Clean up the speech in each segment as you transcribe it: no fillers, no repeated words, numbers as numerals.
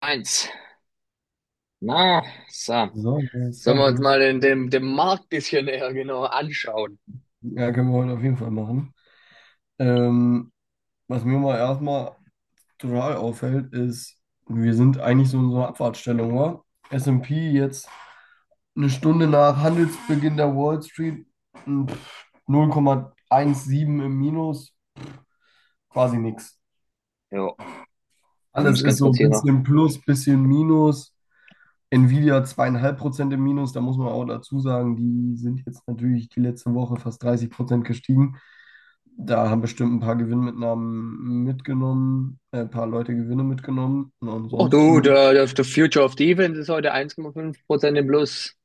Eins. Na, so. So, Sollen wir uns Servus. mal den Markt bisschen näher genau anschauen? Ja, können wir heute auf jeden Fall machen. Ähm, was mir mal erstmal total auffällt, ist, wir sind eigentlich so in so einer Abfahrtsstellung, oder? S&P jetzt eine Stunde nach Handelsbeginn der Wall Street 0,17 im Minus, quasi nichts. Jo, ich Alles muss ist ganz so kurz ein hier noch. bisschen plus, bisschen minus. Nvidia 2,5% im Minus, da muss man auch dazu sagen, die sind jetzt natürlich die letzte Woche fast 30% gestiegen. Da haben bestimmt ein paar Gewinnmitnahmen mitgenommen, ein paar Leute Gewinne mitgenommen und Oh du, ansonsten der Future of Defense ist heute 1,5% im Plus.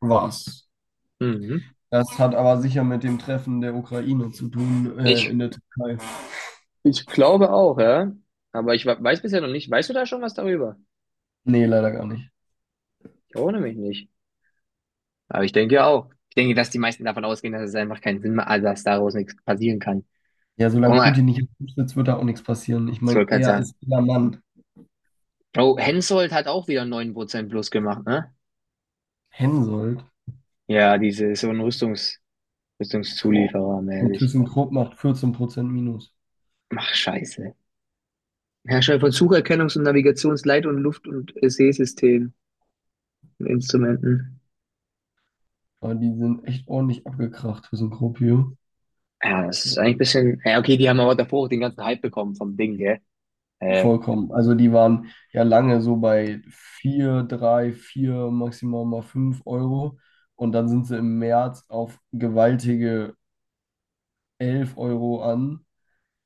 war's. Mhm. Das hat aber sicher mit dem Treffen der Ukraine zu tun, Ich, in der Türkei. ich glaube auch, ja. Aber ich weiß bisher noch nicht. Weißt du da schon was darüber? Nee, leider gar nicht. Ich erinnere mich nicht. Aber ich denke ja auch. Ich denke, dass die meisten davon ausgehen, dass es einfach keinen Sinn mehr, also dass daraus nichts passieren kann. Ja, Guck solange mal, Putin nicht im Amt sitzt, wird da auch nichts passieren. Ich ich meine, wollte gerade er sagen. ist der Mann. Oh, Hensoldt hat auch wieder 9% plus gemacht, ne? Hensoldt, Ja, diese so ein boah. Rüstungszulieferer Und mäßig. ThyssenKrupp macht 14% Minus. Ach, scheiße. Hersteller von Sucherkennungs- und Navigationsleit- und Luft- und Seesystemen und Instrumenten. Aber die sind echt ordentlich abgekracht für so. Ja, das ist eigentlich ein bisschen. Ja, okay, die haben aber davor auch den ganzen Hype bekommen vom Ding, gell? Äh, Vollkommen. und- Also die waren ja lange so bei 4, 3, 4 maximal mal 5 Euro. Und dann sind sie im März auf gewaltige 11 € an.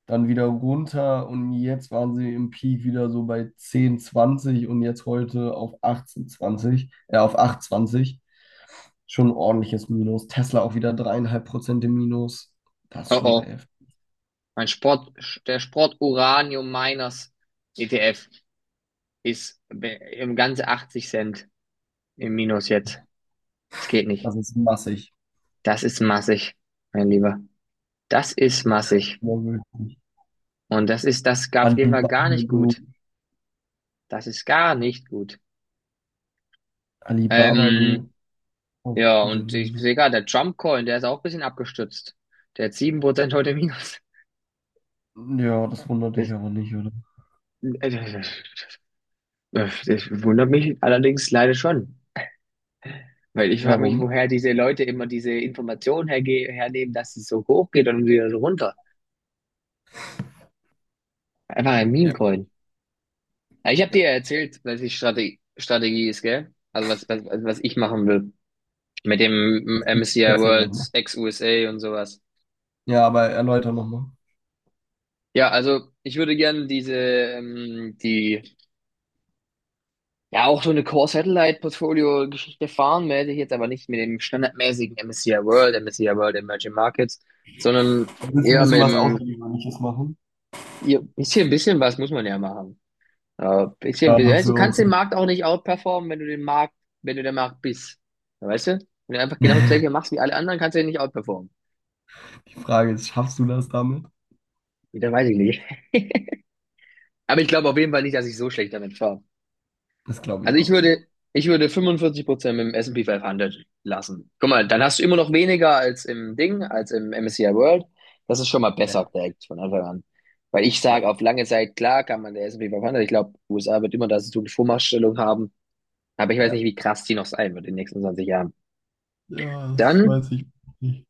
Dann wieder runter und jetzt waren sie im Peak wieder so bei 10, 20 und jetzt heute auf 18, 20 auf 8, zwanzig. Schon ein ordentliches Minus. Tesla auch wieder 3,5% im Minus. Das ist oh schon sehr oh. heftig. Mein Sport, der Sport Uranium Miners ETF ist im Ganze 80 Cent im Minus jetzt. Das geht nicht. Das ist massig. Das ist massig, mein Lieber. Das ist Ja, massig. wirklich. Und das ist, das gab jeden Fall Alibaba gar nicht Group. gut. Das ist gar nicht gut. Alibaba Ähm, Group. Oh, ja, gute und ich Miene. sehe gerade, der Trump Coin, der ist auch ein bisschen abgestützt. Der hat 7% heute Minus. Ja, das wundert dich Das, aber nicht, oder? äh, das wundert mich allerdings leider schon, weil ich frage mich, Warum? woher diese Leute immer diese Informationen herge hernehmen, dass es so hoch geht und dann wieder so runter. Einfach ein Ja, Meme-Coin. Ja, ich habe dir ja. ja erzählt, was die Strategie ist, gell? Also was ich machen will mit dem MSCI Erzähl nochmal. Worlds ex-USA und sowas. Ja, aber erläuter nochmal. Ja, also ich würde gerne diese, die Ja, auch so eine Core-Satellite-Portfolio-Geschichte fahren, werde ich jetzt aber nicht mit dem standardmäßigen MSCI World, MSCI World Emerging Markets, sondern Du willst ein eher mit bisschen was dem, Außergewöhnliches machen? ja, bisschen, bisschen was muss man ja machen. Bisschen, bisschen. Ja, Also du so. kannst den Markt auch nicht outperformen, wenn du der Markt bist. Ja, weißt du? Wenn du einfach genau das Gleiche machst wie alle anderen, kannst du den nicht outperformen. Die Frage ist, schaffst du das damit? Ja, dann weiß ich nicht. Aber ich glaube auf jeden Fall nicht, dass ich so schlecht damit fahre. Das glaube Also ich ich auch nicht. würde, ich würde 45% mit dem S&P 500 lassen. Guck mal, dann hast du immer noch weniger als im Ding, als im MSCI World. Das ist schon mal Ja, besser direkt von Anfang an. Weil ich ja, sage, auf lange Zeit, klar kann man der S&P 500, ich glaube, USA wird immer da so eine Vormachtstellung haben. Aber ich weiß nicht, ja. wie krass die noch sein wird in den nächsten 20 Jahren. Ja, das weiß Dann, ich nicht.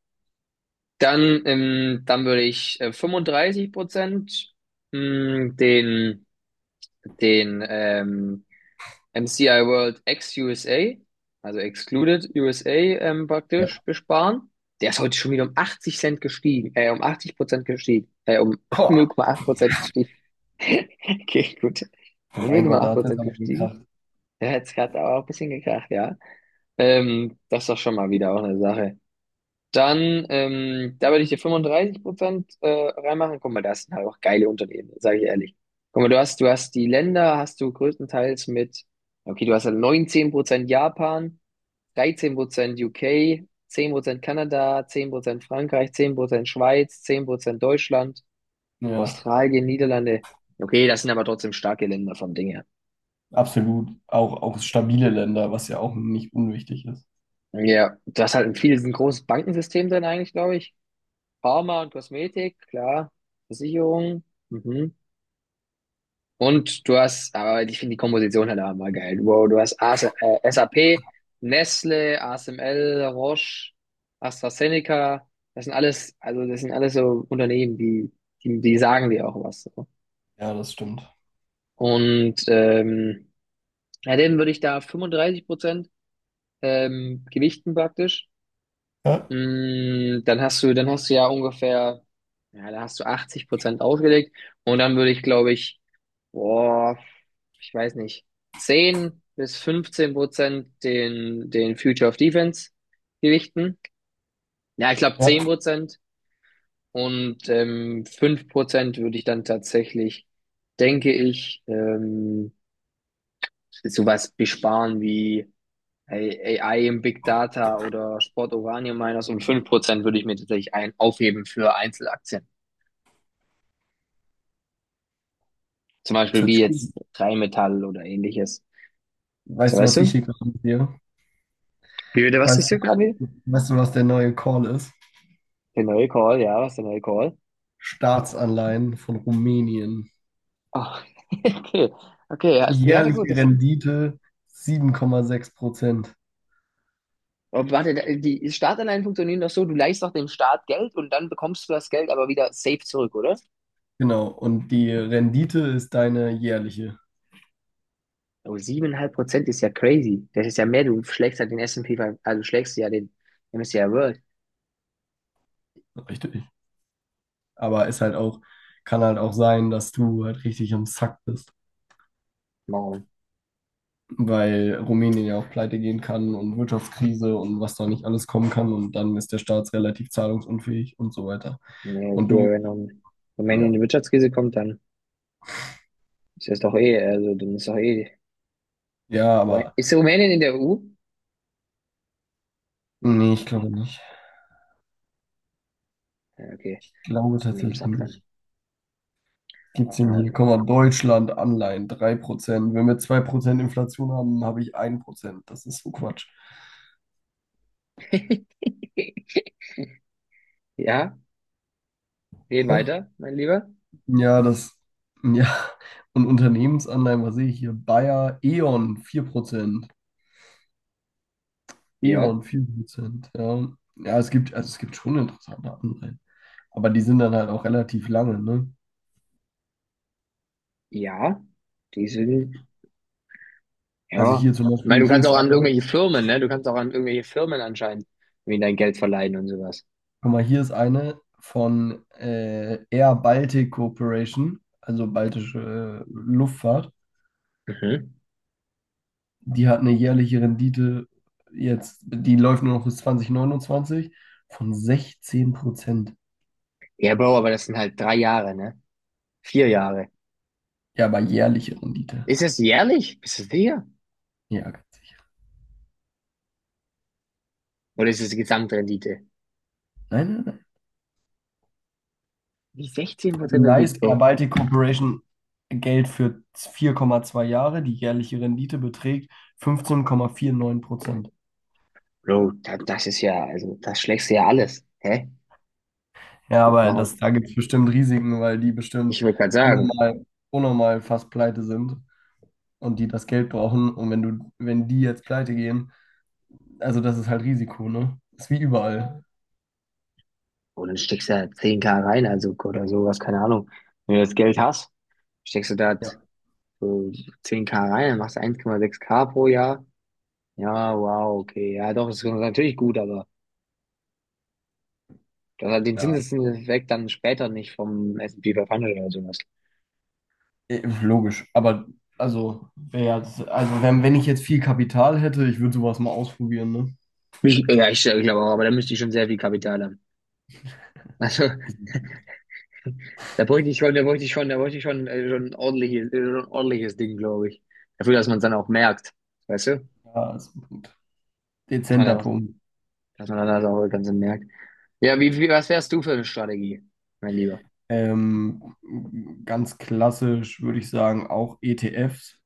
dann würde ich 35% mh, den, den MCI World ex-USA, also Excluded USA praktisch Ja. besparen. Der ist heute schon wieder um 80 Cent gestiegen, um 80% gestiegen, um null Boah, Komma acht Prozent gestiegen. Okay, gut. oh Um null mein Komma Gott, da acht hat es Prozent aber gestiegen. gekracht. Der hat er auch ein bisschen gekracht, ja. Das ist doch schon mal wieder auch eine Sache. Da würde ich dir 35% reinmachen. Guck mal, das sind halt auch geile Unternehmen, sage ich ehrlich. Guck mal, du hast die Länder, hast du größtenteils mit, okay, du hast halt 19% Japan, 13% UK, Prozent Kanada, 10% Frankreich, 10% Schweiz, 10% Deutschland, Ja, Australien, Niederlande. Okay, das sind aber trotzdem starke Länder vom Ding her. absolut. Auch stabile Länder, was ja auch nicht unwichtig ist. Ja, du hast halt in vielen, ein großes Bankensystem drin eigentlich, glaube ich. Pharma und Kosmetik, klar. Versicherung. Mhm. Und du hast, aber ich finde die Komposition halt auch mal geil. Wow, du hast AS, SAP, Nestle, ASML, Roche, AstraZeneca. Das sind alles, also das sind alles so Unternehmen, die, die sagen dir auch was. So. Ja, das stimmt. Und ja, denen würde ich da 35% gewichten praktisch. Ja, Dann hast du ja ungefähr, ja, da hast du 80% ausgelegt und dann würde ich, glaube ich, boah, ich weiß nicht, 10 bis 15% den Future of Defense gewichten. Ja, ich glaube ja. 10% und 5% würde ich dann tatsächlich, denke ich, sowas besparen wie Ey, AI im Big Data oder Sport Uranium Miners um 5% würde ich mir tatsächlich ein aufheben für Einzelaktien. Zum Das Beispiel hört wie sich gut. jetzt Rheinmetall oder ähnliches. So, Weißt du, weißt was ich du? hier gerade mit dir? Wie bitte, was ist Weißt du, hier gerade wieder? weißt du, was der neue Call ist? Der neue Call, ja, was ist der neue Call? Staatsanleihen von Rumänien. Ah, okay, okay, also, ja, na gut, Jährliche das, Rendite 7,6%. oh, warte, die Startanleihen funktionieren doch so, du leihst doch dem Staat Geld und dann bekommst du das Geld aber wieder safe zurück, oder? Genau. Und die Rendite ist deine jährliche. Oh, 7,5% ist ja crazy. Das ist ja mehr, du schlägst halt den S&P, 500, also du schlägst ja den MSCI World. Richtig. Aber ist halt auch, kann halt auch sein, dass du halt richtig am Sack bist, weil Rumänien ja auch pleite gehen kann und Wirtschaftskrise und was da nicht alles kommen kann. Und dann ist der Staat relativ zahlungsunfähig und so weiter. Nee, Und okay, du, wenn Rumänien in ja. die Wirtschaftskrise kommt, dann ist das doch eh, also dann ist doch eh. Ja, Moment, aber ist Rumänien in der EU? Nee, nee, ich glaube nicht. ja, okay, Glaube in dem tatsächlich Sack dann. nicht. Gibt's ihn hier? Also. Guck mal, Deutschland Anleihen 3%. Wenn wir 2% Inflation haben, habe ich 1%. Das ist so Quatsch. Ja, reden Ach, weiter, mein Lieber. ja, das, ja. Und Unternehmensanleihen, was sehe ich hier? Bayer, E.ON 4%. Ja, E.ON 4%. Ja. Ja, es gibt, also es gibt schon interessante Anleihen. Aber die sind dann halt auch relativ lange, ne? ja, die sind, Also ja. hier zum Ich meine, Beispiel, du hier kannst ist auch an einer. irgendwelche Firmen, ne? Du kannst auch an irgendwelche Firmen anscheinend irgendwie dein Geld verleihen und sowas. Guck mal, hier ist eine von Air Baltic Corporation, also baltische Luftfahrt. Mhm. Die hat eine jährliche Rendite jetzt, die läuft nur noch bis 2029 von 16%. Ja, Bro, aber das sind halt 3 Jahre, ne? 4 Jahre. Ja, aber jährliche Rendite. Ist das jährlich? Bist du sicher? Ja, ganz sicher. Oder ist das die Gesamtrendite? Nein, nein, nein. Wie Du 16% Rendite, leist Air Bro? Baltic Corporation Geld für 4,2 Jahre. Die jährliche Rendite beträgt 15,49%. Bro, das ist ja, also, das schlägst du ja alles. Hä? Ja, aber das, Warum? da gibt es bestimmt Risiken, weil die Ich bestimmt würde gerade sagen, unnormal, unnormal fast pleite sind und die das Geld brauchen. Und wenn du, wenn die jetzt pleite gehen, also das ist halt Risiko, ne? Ist wie überall. und dann steckst du da 10K rein, also, oder sowas, keine Ahnung. Wenn du das Geld hast, steckst du da Ja. so 10K rein, dann machst du 1,6K pro Jahr. Ja, wow, okay. Ja, doch, ist natürlich gut, aber das hat den Ja, Zinseszinseffekt dann später nicht vom S&P 500 oder sowas. eh, logisch. Aber also, wär ja, also wenn ich jetzt viel Kapital hätte, ich würde sowas mal ausprobieren, ne? Ja, ich glaube auch, aber da müsste ich schon sehr viel Kapital haben. Also, Ist, da bräuchte ich schon, schon ein ordentliches Ding, glaube ich. Dafür, dass man es dann auch merkt. Weißt du? ja, ist ein Punkt. Dass man Dezenter dann, Punkt. dass man dann das auch ganz merkt. Ja, was wärst du für eine Strategie, mein Lieber? Ähm, ganz klassisch würde ich sagen, auch ETFs.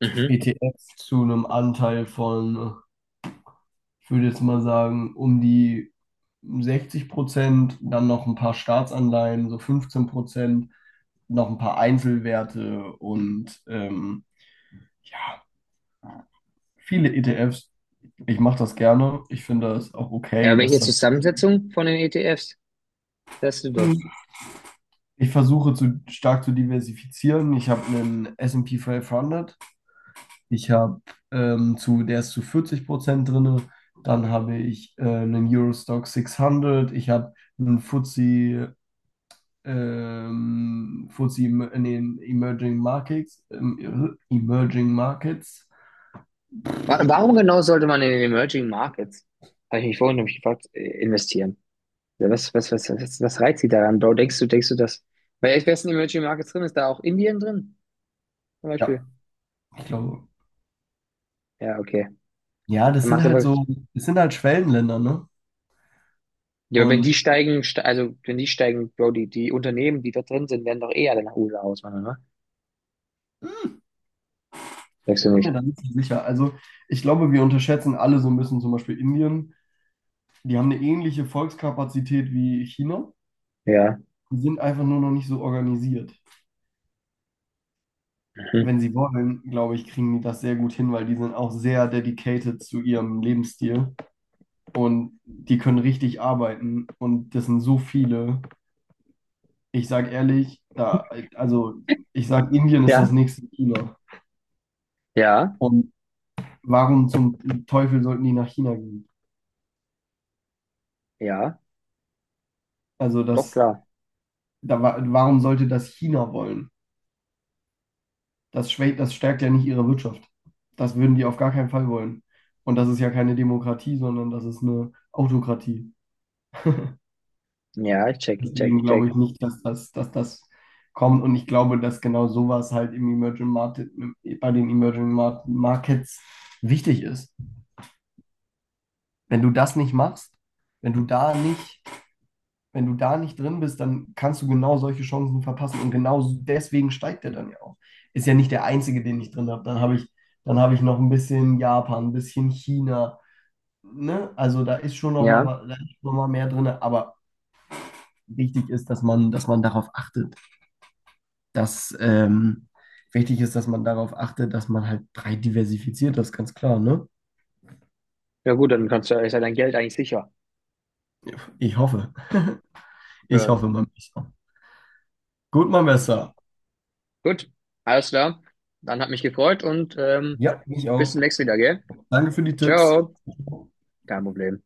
Mhm. ETFs zu einem Anteil von ich würde jetzt mal sagen, um die 60%, dann noch ein paar Staatsanleihen, so 15%, noch ein paar Einzelwerte und ja, viele ETFs. Ich mache das gerne. Ich finde das auch Ja, okay, welche dass das. Zusammensetzung von den ETFs wärst du da? Ich versuche zu, stark zu diversifizieren. Ich habe einen S&P 500. Ich habe zu, der ist zu 40% drin. Dann habe ich einen Eurostock 600. Ich habe einen FTSE FTSE in den Emerging Markets. Warum genau sollte man in den Emerging Markets, habe ich mich vorhin nämlich gefragt, investieren? Ja, was reizt sie daran, Bro? Denkst du, das? Weil ich weiß, in den Emerging Markets drin ist, da auch Indien drin, zum Ja, Beispiel? ich glaube. Ja, okay. Ja, Dann machst du aber. Das sind halt Schwellenländer, ne? Ja, aber wenn die Und steigen, also wenn die steigen, Bro, die Unternehmen, die da drin sind, werden doch eher alle nach USA auswandern, ne? Sagst ich du bin mir nicht? da nicht so sicher. Also ich glaube, wir unterschätzen alle so ein bisschen zum Beispiel Indien. Die haben eine ähnliche Volkskapazität wie China. Ja. Die sind einfach nur noch nicht so organisiert. Mhm. Wenn sie wollen, glaube ich, kriegen die das sehr gut hin, weil die sind auch sehr dedicated zu ihrem Lebensstil und die können richtig arbeiten und das sind so viele. Ich sag ehrlich, da, also ich sag, Indien ist das Ja, nächste China. ja, Und warum zum Teufel sollten die nach China gehen? ja, Also doch das, klar. da, warum sollte das China wollen? Das schwächt, das stärkt ja nicht ihre Wirtschaft. Das würden die auf gar keinen Fall wollen. Und das ist ja keine Demokratie, sondern das ist eine Autokratie. Ja, ich check, ich check, Deswegen ich glaube check. ich nicht, dass das kommt. Und ich glaube, dass genau sowas halt im Emerging Market, bei den Emerging Markets wichtig ist. Wenn du das nicht machst, wenn du da nicht, wenn du da nicht drin bist, dann kannst du genau solche Chancen verpassen und genau deswegen steigt der dann ja auch. Ist ja nicht der einzige, den ich drin habe. Dann habe ich noch ein bisschen Japan, ein bisschen China. Ne? Also da ist schon noch mal, Ja. Da ist noch mal mehr drin, aber wichtig ist, dass man darauf achtet, dass wichtig ist, dass man darauf achtet, dass man halt breit diversifiziert, das ist ganz klar, ne? Ja gut, dann kannst du, ist ja dein Geld eigentlich sicher. Ich hoffe, ich Für, hoffe, mein Besser. Gut, mein mhm. Besser. Gut, alles klar. Dann hat mich gefreut und Ja, ich auch. bis zum nächsten Mal, gell? Danke für die Tipps. Ciao. Kein Problem.